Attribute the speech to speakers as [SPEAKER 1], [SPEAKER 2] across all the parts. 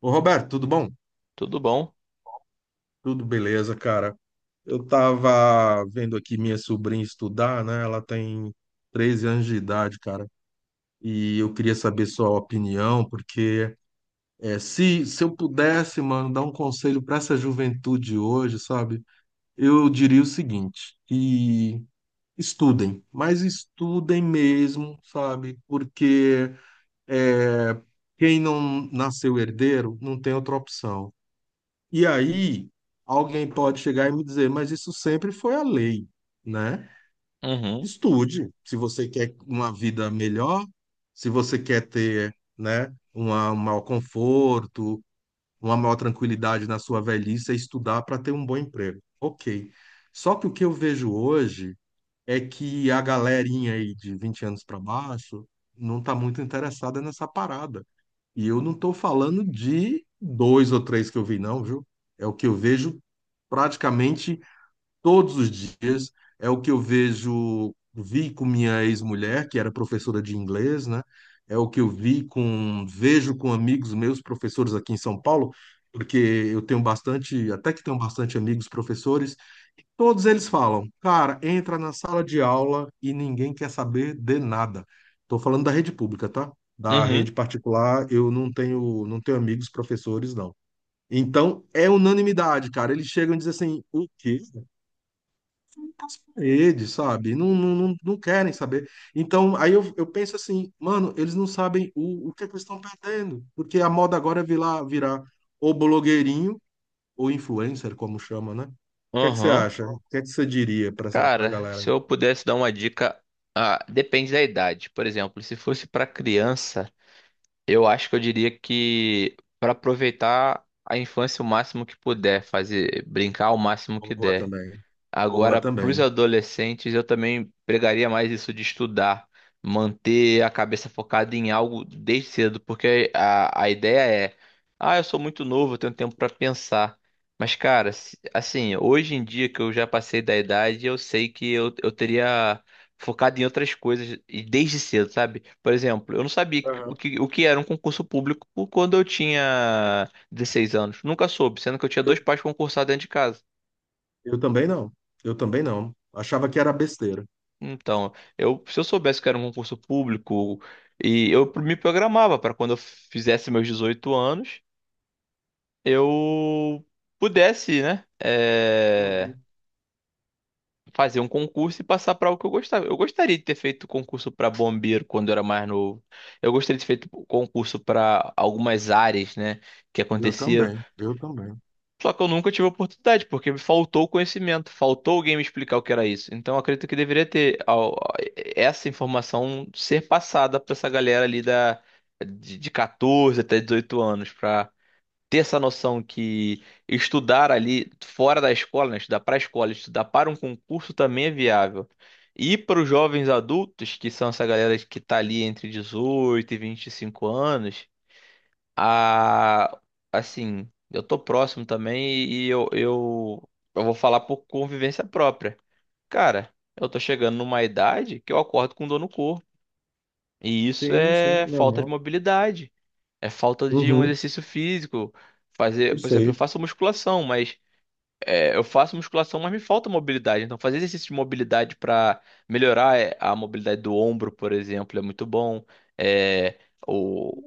[SPEAKER 1] Ô Roberto, tudo bom?
[SPEAKER 2] Tudo bom?
[SPEAKER 1] Tudo beleza, cara. Eu tava vendo aqui minha sobrinha estudar, né? Ela tem 13 anos de idade, cara. E eu queria saber sua opinião, porque se eu pudesse, mano, dar um conselho para essa juventude hoje, sabe? Eu diria o seguinte, que estudem, mas estudem mesmo, sabe? Porque é, quem não nasceu herdeiro não tem outra opção. E aí, alguém pode chegar e me dizer, mas isso sempre foi a lei, né?
[SPEAKER 2] Uhum,
[SPEAKER 1] Estude, se você quer uma vida melhor, se você quer ter, né, um maior conforto, uma maior tranquilidade na sua velhice, é estudar para ter um bom emprego. Ok. Só que o que eu vejo hoje é que a galerinha aí de 20 anos para baixo não está muito interessada nessa parada. E eu não estou falando de dois ou três que eu vi, não, viu? É o que eu vejo praticamente todos os dias. É o que eu vi com minha ex-mulher, que era professora de inglês, né? É o que eu vejo com amigos meus, professores aqui em São Paulo, porque eu tenho bastante, até que tenho bastante amigos professores. Todos eles falam, cara, entra na sala de aula e ninguém quer saber de nada. Estou falando da rede pública, tá? Da
[SPEAKER 2] uhum,
[SPEAKER 1] rede particular, eu não tenho, não tenho amigos professores, não. Então, é unanimidade, cara. Eles chegam e dizem assim, o quê? As paredes, sabe? Não, não, não, não querem saber. Então, aí eu penso assim, mano, eles não sabem o que, é que eles estão perdendo. Porque a moda agora é virar ou blogueirinho, ou influencer, como chama, né? O que é que você
[SPEAKER 2] uhum.
[SPEAKER 1] acha? O que é que você diria para essa, para a
[SPEAKER 2] Cara,
[SPEAKER 1] galera?
[SPEAKER 2] se eu pudesse dar uma dica, ah, depende da idade. Por exemplo, se fosse pra criança, eu acho que eu diria que pra aproveitar a infância o máximo que puder, fazer brincar o máximo que
[SPEAKER 1] Boa
[SPEAKER 2] der.
[SPEAKER 1] também. Boa
[SPEAKER 2] Agora, para os
[SPEAKER 1] também.
[SPEAKER 2] adolescentes, eu também pregaria mais isso de estudar, manter a cabeça focada em algo desde cedo, porque a ideia é, ah, eu sou muito novo, eu tenho tempo para pensar. Mas, cara, assim, hoje em dia que eu já passei da idade, eu sei que eu teria focado em outras coisas e desde cedo, sabe? Por exemplo, eu não sabia o
[SPEAKER 1] Aham.
[SPEAKER 2] que era um concurso público quando eu tinha 16 anos. Nunca soube, sendo que eu tinha
[SPEAKER 1] Eu,
[SPEAKER 2] dois pais concursados dentro de casa.
[SPEAKER 1] eu também não. Eu também não. Achava que era besteira.
[SPEAKER 2] Então, se eu soubesse que era um concurso público e eu me programava para quando eu fizesse meus 18 anos, eu pudesse, né,
[SPEAKER 1] Uhum.
[SPEAKER 2] fazer um concurso e passar para o que eu gostava. Eu gostaria de ter feito concurso para bombeiro quando eu era mais novo. Eu gostaria de ter feito concurso para algumas áreas, né, que
[SPEAKER 1] Eu
[SPEAKER 2] aconteceram.
[SPEAKER 1] também. Eu também.
[SPEAKER 2] Só que eu nunca tive oportunidade, porque me faltou o conhecimento, faltou alguém me explicar o que era isso. Então eu acredito que essa informação ser passada para essa galera ali de 14 até 18 anos, para ter essa noção que estudar ali fora da escola, né, estudar para a escola, estudar para um concurso também é viável. E para os jovens adultos, que são essa galera que está ali entre 18 e 25 anos a assim, eu tô próximo também e eu vou falar por convivência própria. Cara, eu tô chegando numa idade que eu acordo com dor no corpo. E isso
[SPEAKER 1] Sim, sim,
[SPEAKER 2] é falta
[SPEAKER 1] normal.
[SPEAKER 2] de mobilidade, é falta de um
[SPEAKER 1] Uhum.
[SPEAKER 2] exercício físico. Fazer, por exemplo, eu
[SPEAKER 1] Perfeito.
[SPEAKER 2] faço musculação, mas me falta mobilidade. Então, fazer exercício de mobilidade para melhorar a mobilidade do ombro, por exemplo, é muito bom. É, o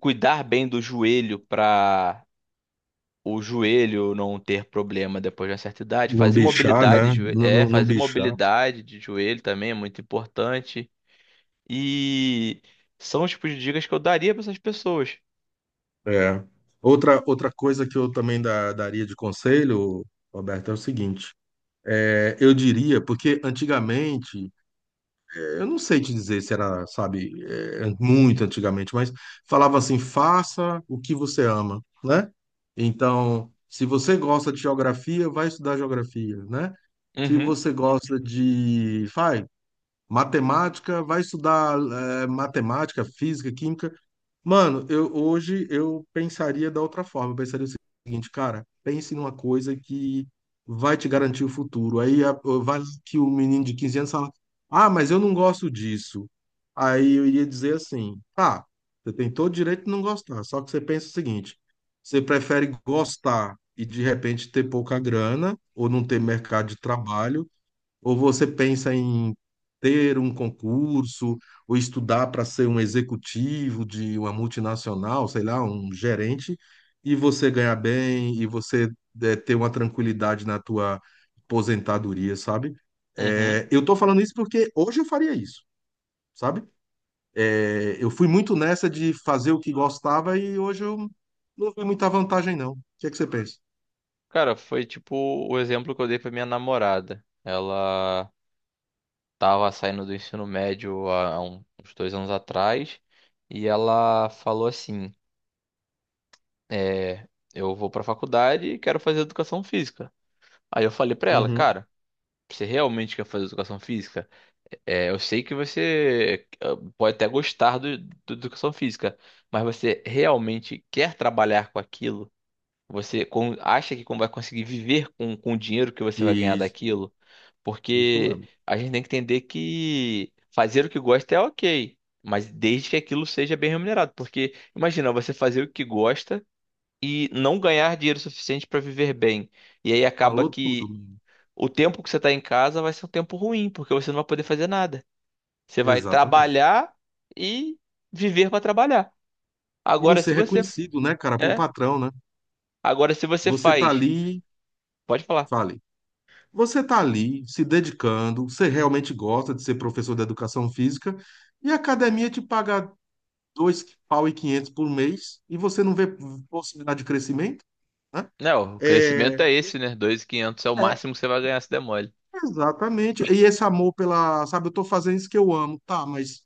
[SPEAKER 2] cuidar bem do joelho para o joelho não ter problema depois de uma certa idade.
[SPEAKER 1] Não
[SPEAKER 2] Fazer
[SPEAKER 1] bichar,
[SPEAKER 2] mobilidade,
[SPEAKER 1] né?
[SPEAKER 2] de joe-
[SPEAKER 1] Não,
[SPEAKER 2] é,
[SPEAKER 1] não, não
[SPEAKER 2] fazer
[SPEAKER 1] bichar.
[SPEAKER 2] mobilidade de joelho também é muito importante. E são os tipos de dicas que eu daria para essas pessoas.
[SPEAKER 1] É. Outra coisa que eu também daria de conselho, Roberto, é o seguinte. É, eu diria, porque antigamente eu não sei te dizer se era, sabe, muito antigamente, mas falava assim: faça o que você ama, né? Então, se você gosta de geografia, vai estudar geografia, né? Se
[SPEAKER 2] Uhum,
[SPEAKER 1] você gosta de, faz matemática, vai estudar matemática, física, química. Mano, eu hoje eu pensaria da outra forma. Eu pensaria o seguinte, cara, pense numa coisa que vai te garantir o futuro. Vai que o menino de 15 anos fala, ah, mas eu não gosto disso. Aí eu iria dizer assim, tá, você tem todo o direito de não gostar, só que você pensa o seguinte, você prefere gostar e de repente ter pouca grana ou não ter mercado de trabalho, ou você pensa em ter um concurso, ou estudar para ser um executivo de uma multinacional, sei lá, um gerente, e você ganhar bem, e você ter uma tranquilidade na tua aposentadoria, sabe?
[SPEAKER 2] uhum.
[SPEAKER 1] Eu tô falando isso porque hoje eu faria isso, sabe? Eu fui muito nessa de fazer o que gostava e hoje eu não vi muita vantagem, não. O que é que você pensa?
[SPEAKER 2] Cara, foi tipo o exemplo que eu dei para minha namorada. Ela tava saindo do ensino médio uns 2 anos atrás e ela falou assim: é, eu vou para faculdade e quero fazer educação física. Aí eu falei para ela,
[SPEAKER 1] Uhum.
[SPEAKER 2] cara. Você realmente quer fazer educação física? Eu sei que você pode até gostar do educação física, mas você realmente quer trabalhar com aquilo? Você acha que vai conseguir viver com o dinheiro que você vai ganhar
[SPEAKER 1] Isso,
[SPEAKER 2] daquilo?
[SPEAKER 1] isso
[SPEAKER 2] Porque
[SPEAKER 1] mesmo.
[SPEAKER 2] a gente tem que entender que fazer o que gosta é ok, mas desde que aquilo seja bem remunerado. Porque imagina você fazer o que gosta e não ganhar dinheiro suficiente para viver bem. E aí acaba
[SPEAKER 1] Falou tudo,
[SPEAKER 2] que
[SPEAKER 1] mano.
[SPEAKER 2] o tempo que você tá em casa vai ser um tempo ruim, porque você não vai poder fazer nada. Você vai
[SPEAKER 1] Exatamente.
[SPEAKER 2] trabalhar e viver para trabalhar.
[SPEAKER 1] E não
[SPEAKER 2] Agora,
[SPEAKER 1] ser
[SPEAKER 2] se você
[SPEAKER 1] reconhecido, né, cara, por
[SPEAKER 2] é,
[SPEAKER 1] patrão, né?
[SPEAKER 2] agora, se você
[SPEAKER 1] Você tá
[SPEAKER 2] faz,
[SPEAKER 1] ali,
[SPEAKER 2] pode falar.
[SPEAKER 1] fale. Você tá ali se dedicando, você realmente gosta de ser professor de educação física e a academia te paga dois pau e quinhentos por mês e você não vê possibilidade de crescimento, né?
[SPEAKER 2] Não, o
[SPEAKER 1] É,
[SPEAKER 2] crescimento é esse, né? 2.500 é o
[SPEAKER 1] é,
[SPEAKER 2] máximo que você vai ganhar se der mole.
[SPEAKER 1] exatamente. E esse amor pela, sabe, eu tô fazendo isso que eu amo, tá, mas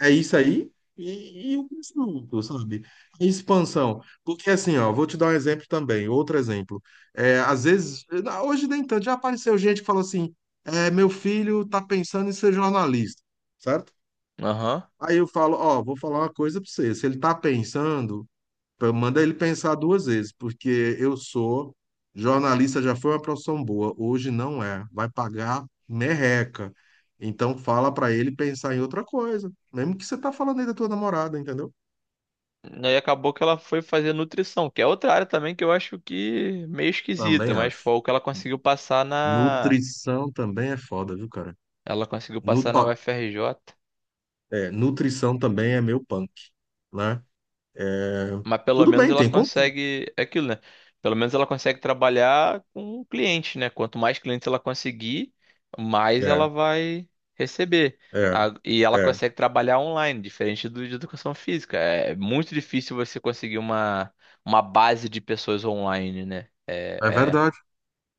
[SPEAKER 1] é isso aí e o conjunto, sabe? A expansão. Porque assim, ó, vou te dar um exemplo também, outro exemplo. É, às vezes, hoje nem tanto, já apareceu gente que falou assim, meu filho tá pensando em ser jornalista, certo?
[SPEAKER 2] Aham.
[SPEAKER 1] Aí eu falo, ó, vou falar uma coisa pra você, se ele tá pensando então, manda ele pensar duas vezes, porque eu sou jornalista, já foi uma profissão boa, hoje não é, vai pagar merreca. Então fala para ele pensar em outra coisa, mesmo que você tá falando aí da tua namorada, entendeu?
[SPEAKER 2] Aí acabou que ela foi fazer nutrição, que é outra área também que eu acho que meio esquisita,
[SPEAKER 1] Também
[SPEAKER 2] mas
[SPEAKER 1] acho.
[SPEAKER 2] foi o que
[SPEAKER 1] Nutrição também é foda, viu, cara?
[SPEAKER 2] ela conseguiu passar na
[SPEAKER 1] Ó,
[SPEAKER 2] UFRJ.
[SPEAKER 1] nutrição também é meu punk, né? É,
[SPEAKER 2] Mas pelo
[SPEAKER 1] tudo
[SPEAKER 2] menos
[SPEAKER 1] bem,
[SPEAKER 2] ela
[SPEAKER 1] tem concurso.
[SPEAKER 2] consegue. É aquilo, né? Pelo menos ela consegue trabalhar com o cliente, né? Quanto mais clientes ela conseguir, mais ela
[SPEAKER 1] É,
[SPEAKER 2] vai receber.
[SPEAKER 1] é,
[SPEAKER 2] E ela
[SPEAKER 1] é.
[SPEAKER 2] consegue trabalhar online, diferente do de educação física. É muito difícil você conseguir uma base de pessoas online, né?
[SPEAKER 1] É verdade.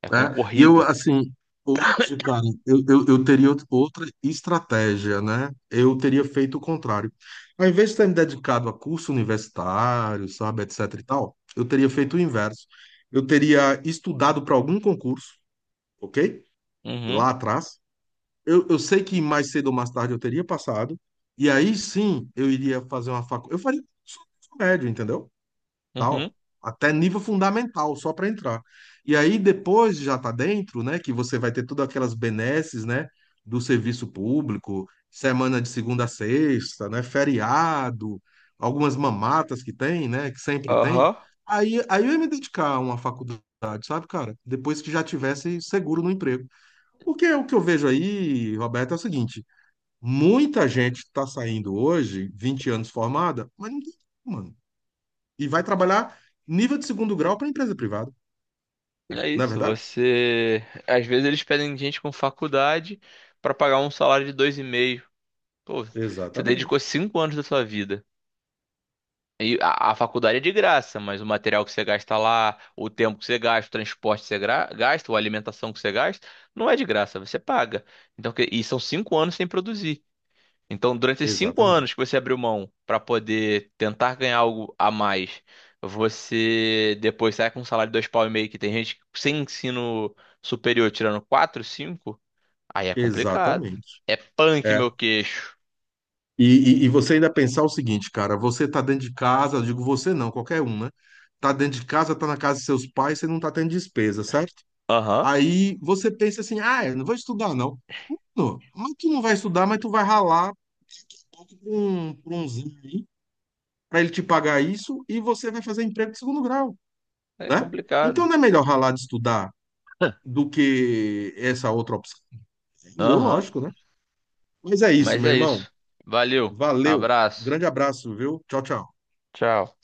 [SPEAKER 2] é, é
[SPEAKER 1] Né? E eu,
[SPEAKER 2] concorrido.
[SPEAKER 1] assim, hoje, cara, eu teria outra estratégia, né? Eu teria feito o contrário. Ao invés de ter me dedicado a curso universitário, sabe, etc e tal, eu teria feito o inverso. Eu teria estudado para algum concurso, ok?
[SPEAKER 2] Uhum,
[SPEAKER 1] Lá atrás. Eu sei que mais cedo ou mais tarde eu teria passado, e aí sim eu iria fazer uma faculdade. Eu faria curso médio, entendeu?
[SPEAKER 2] uhum,
[SPEAKER 1] Tal, até nível fundamental, só para entrar. E aí depois já tá dentro, né, que você vai ter todas aquelas benesses, né, do serviço público, semana de segunda a sexta, né, feriado, algumas mamatas que tem, né, que sempre tem.
[SPEAKER 2] aham.
[SPEAKER 1] Aí eu ia me dedicar a uma faculdade, sabe, cara? Depois que já tivesse seguro no emprego. Porque o que eu vejo aí, Roberto, é o seguinte, muita gente está saindo hoje, 20 anos formada, mas não tem, mano. E vai trabalhar nível de segundo grau para empresa privada,
[SPEAKER 2] É
[SPEAKER 1] não é
[SPEAKER 2] isso.
[SPEAKER 1] verdade?
[SPEAKER 2] Você. Às vezes eles pedem gente com faculdade para pagar um salário de 2,5. Pô, você
[SPEAKER 1] Exatamente.
[SPEAKER 2] dedicou 5 anos da sua vida. E a faculdade é de graça, mas o material que você gasta lá, o tempo que você gasta, o transporte que você gasta, ou a alimentação que você gasta, não é de graça, você paga. Então, e são 5 anos sem produzir. Então, durante esses cinco
[SPEAKER 1] Exatamente.
[SPEAKER 2] anos que você abriu mão para poder tentar ganhar algo a mais, você depois sai com um salário de dois pau e meio, que tem gente que sem ensino superior tirando quatro, cinco, aí é complicado.
[SPEAKER 1] Exatamente.
[SPEAKER 2] É punk,
[SPEAKER 1] É.
[SPEAKER 2] meu queixo.
[SPEAKER 1] E, e você ainda pensar o seguinte, cara, você tá dentro de casa, eu digo você não, qualquer um, né? Tá dentro de casa, tá na casa de seus pais, você não tá tendo despesa, certo?
[SPEAKER 2] Aham,
[SPEAKER 1] Aí você pensa assim, ah, eu não vou estudar, não. Não, mas tu não vai estudar, mas tu vai ralar pra um zinho aí, pra ele te pagar isso, e você vai fazer emprego de segundo grau,
[SPEAKER 2] é
[SPEAKER 1] né? Então
[SPEAKER 2] complicado.
[SPEAKER 1] não é melhor ralar de estudar do que essa outra opção. Meu,
[SPEAKER 2] Aham.
[SPEAKER 1] lógico, né? Mas é isso,
[SPEAKER 2] Mas
[SPEAKER 1] meu
[SPEAKER 2] é
[SPEAKER 1] irmão.
[SPEAKER 2] isso. Valeu.
[SPEAKER 1] Valeu.
[SPEAKER 2] Abraço.
[SPEAKER 1] Grande abraço, viu? Tchau, tchau.
[SPEAKER 2] Tchau.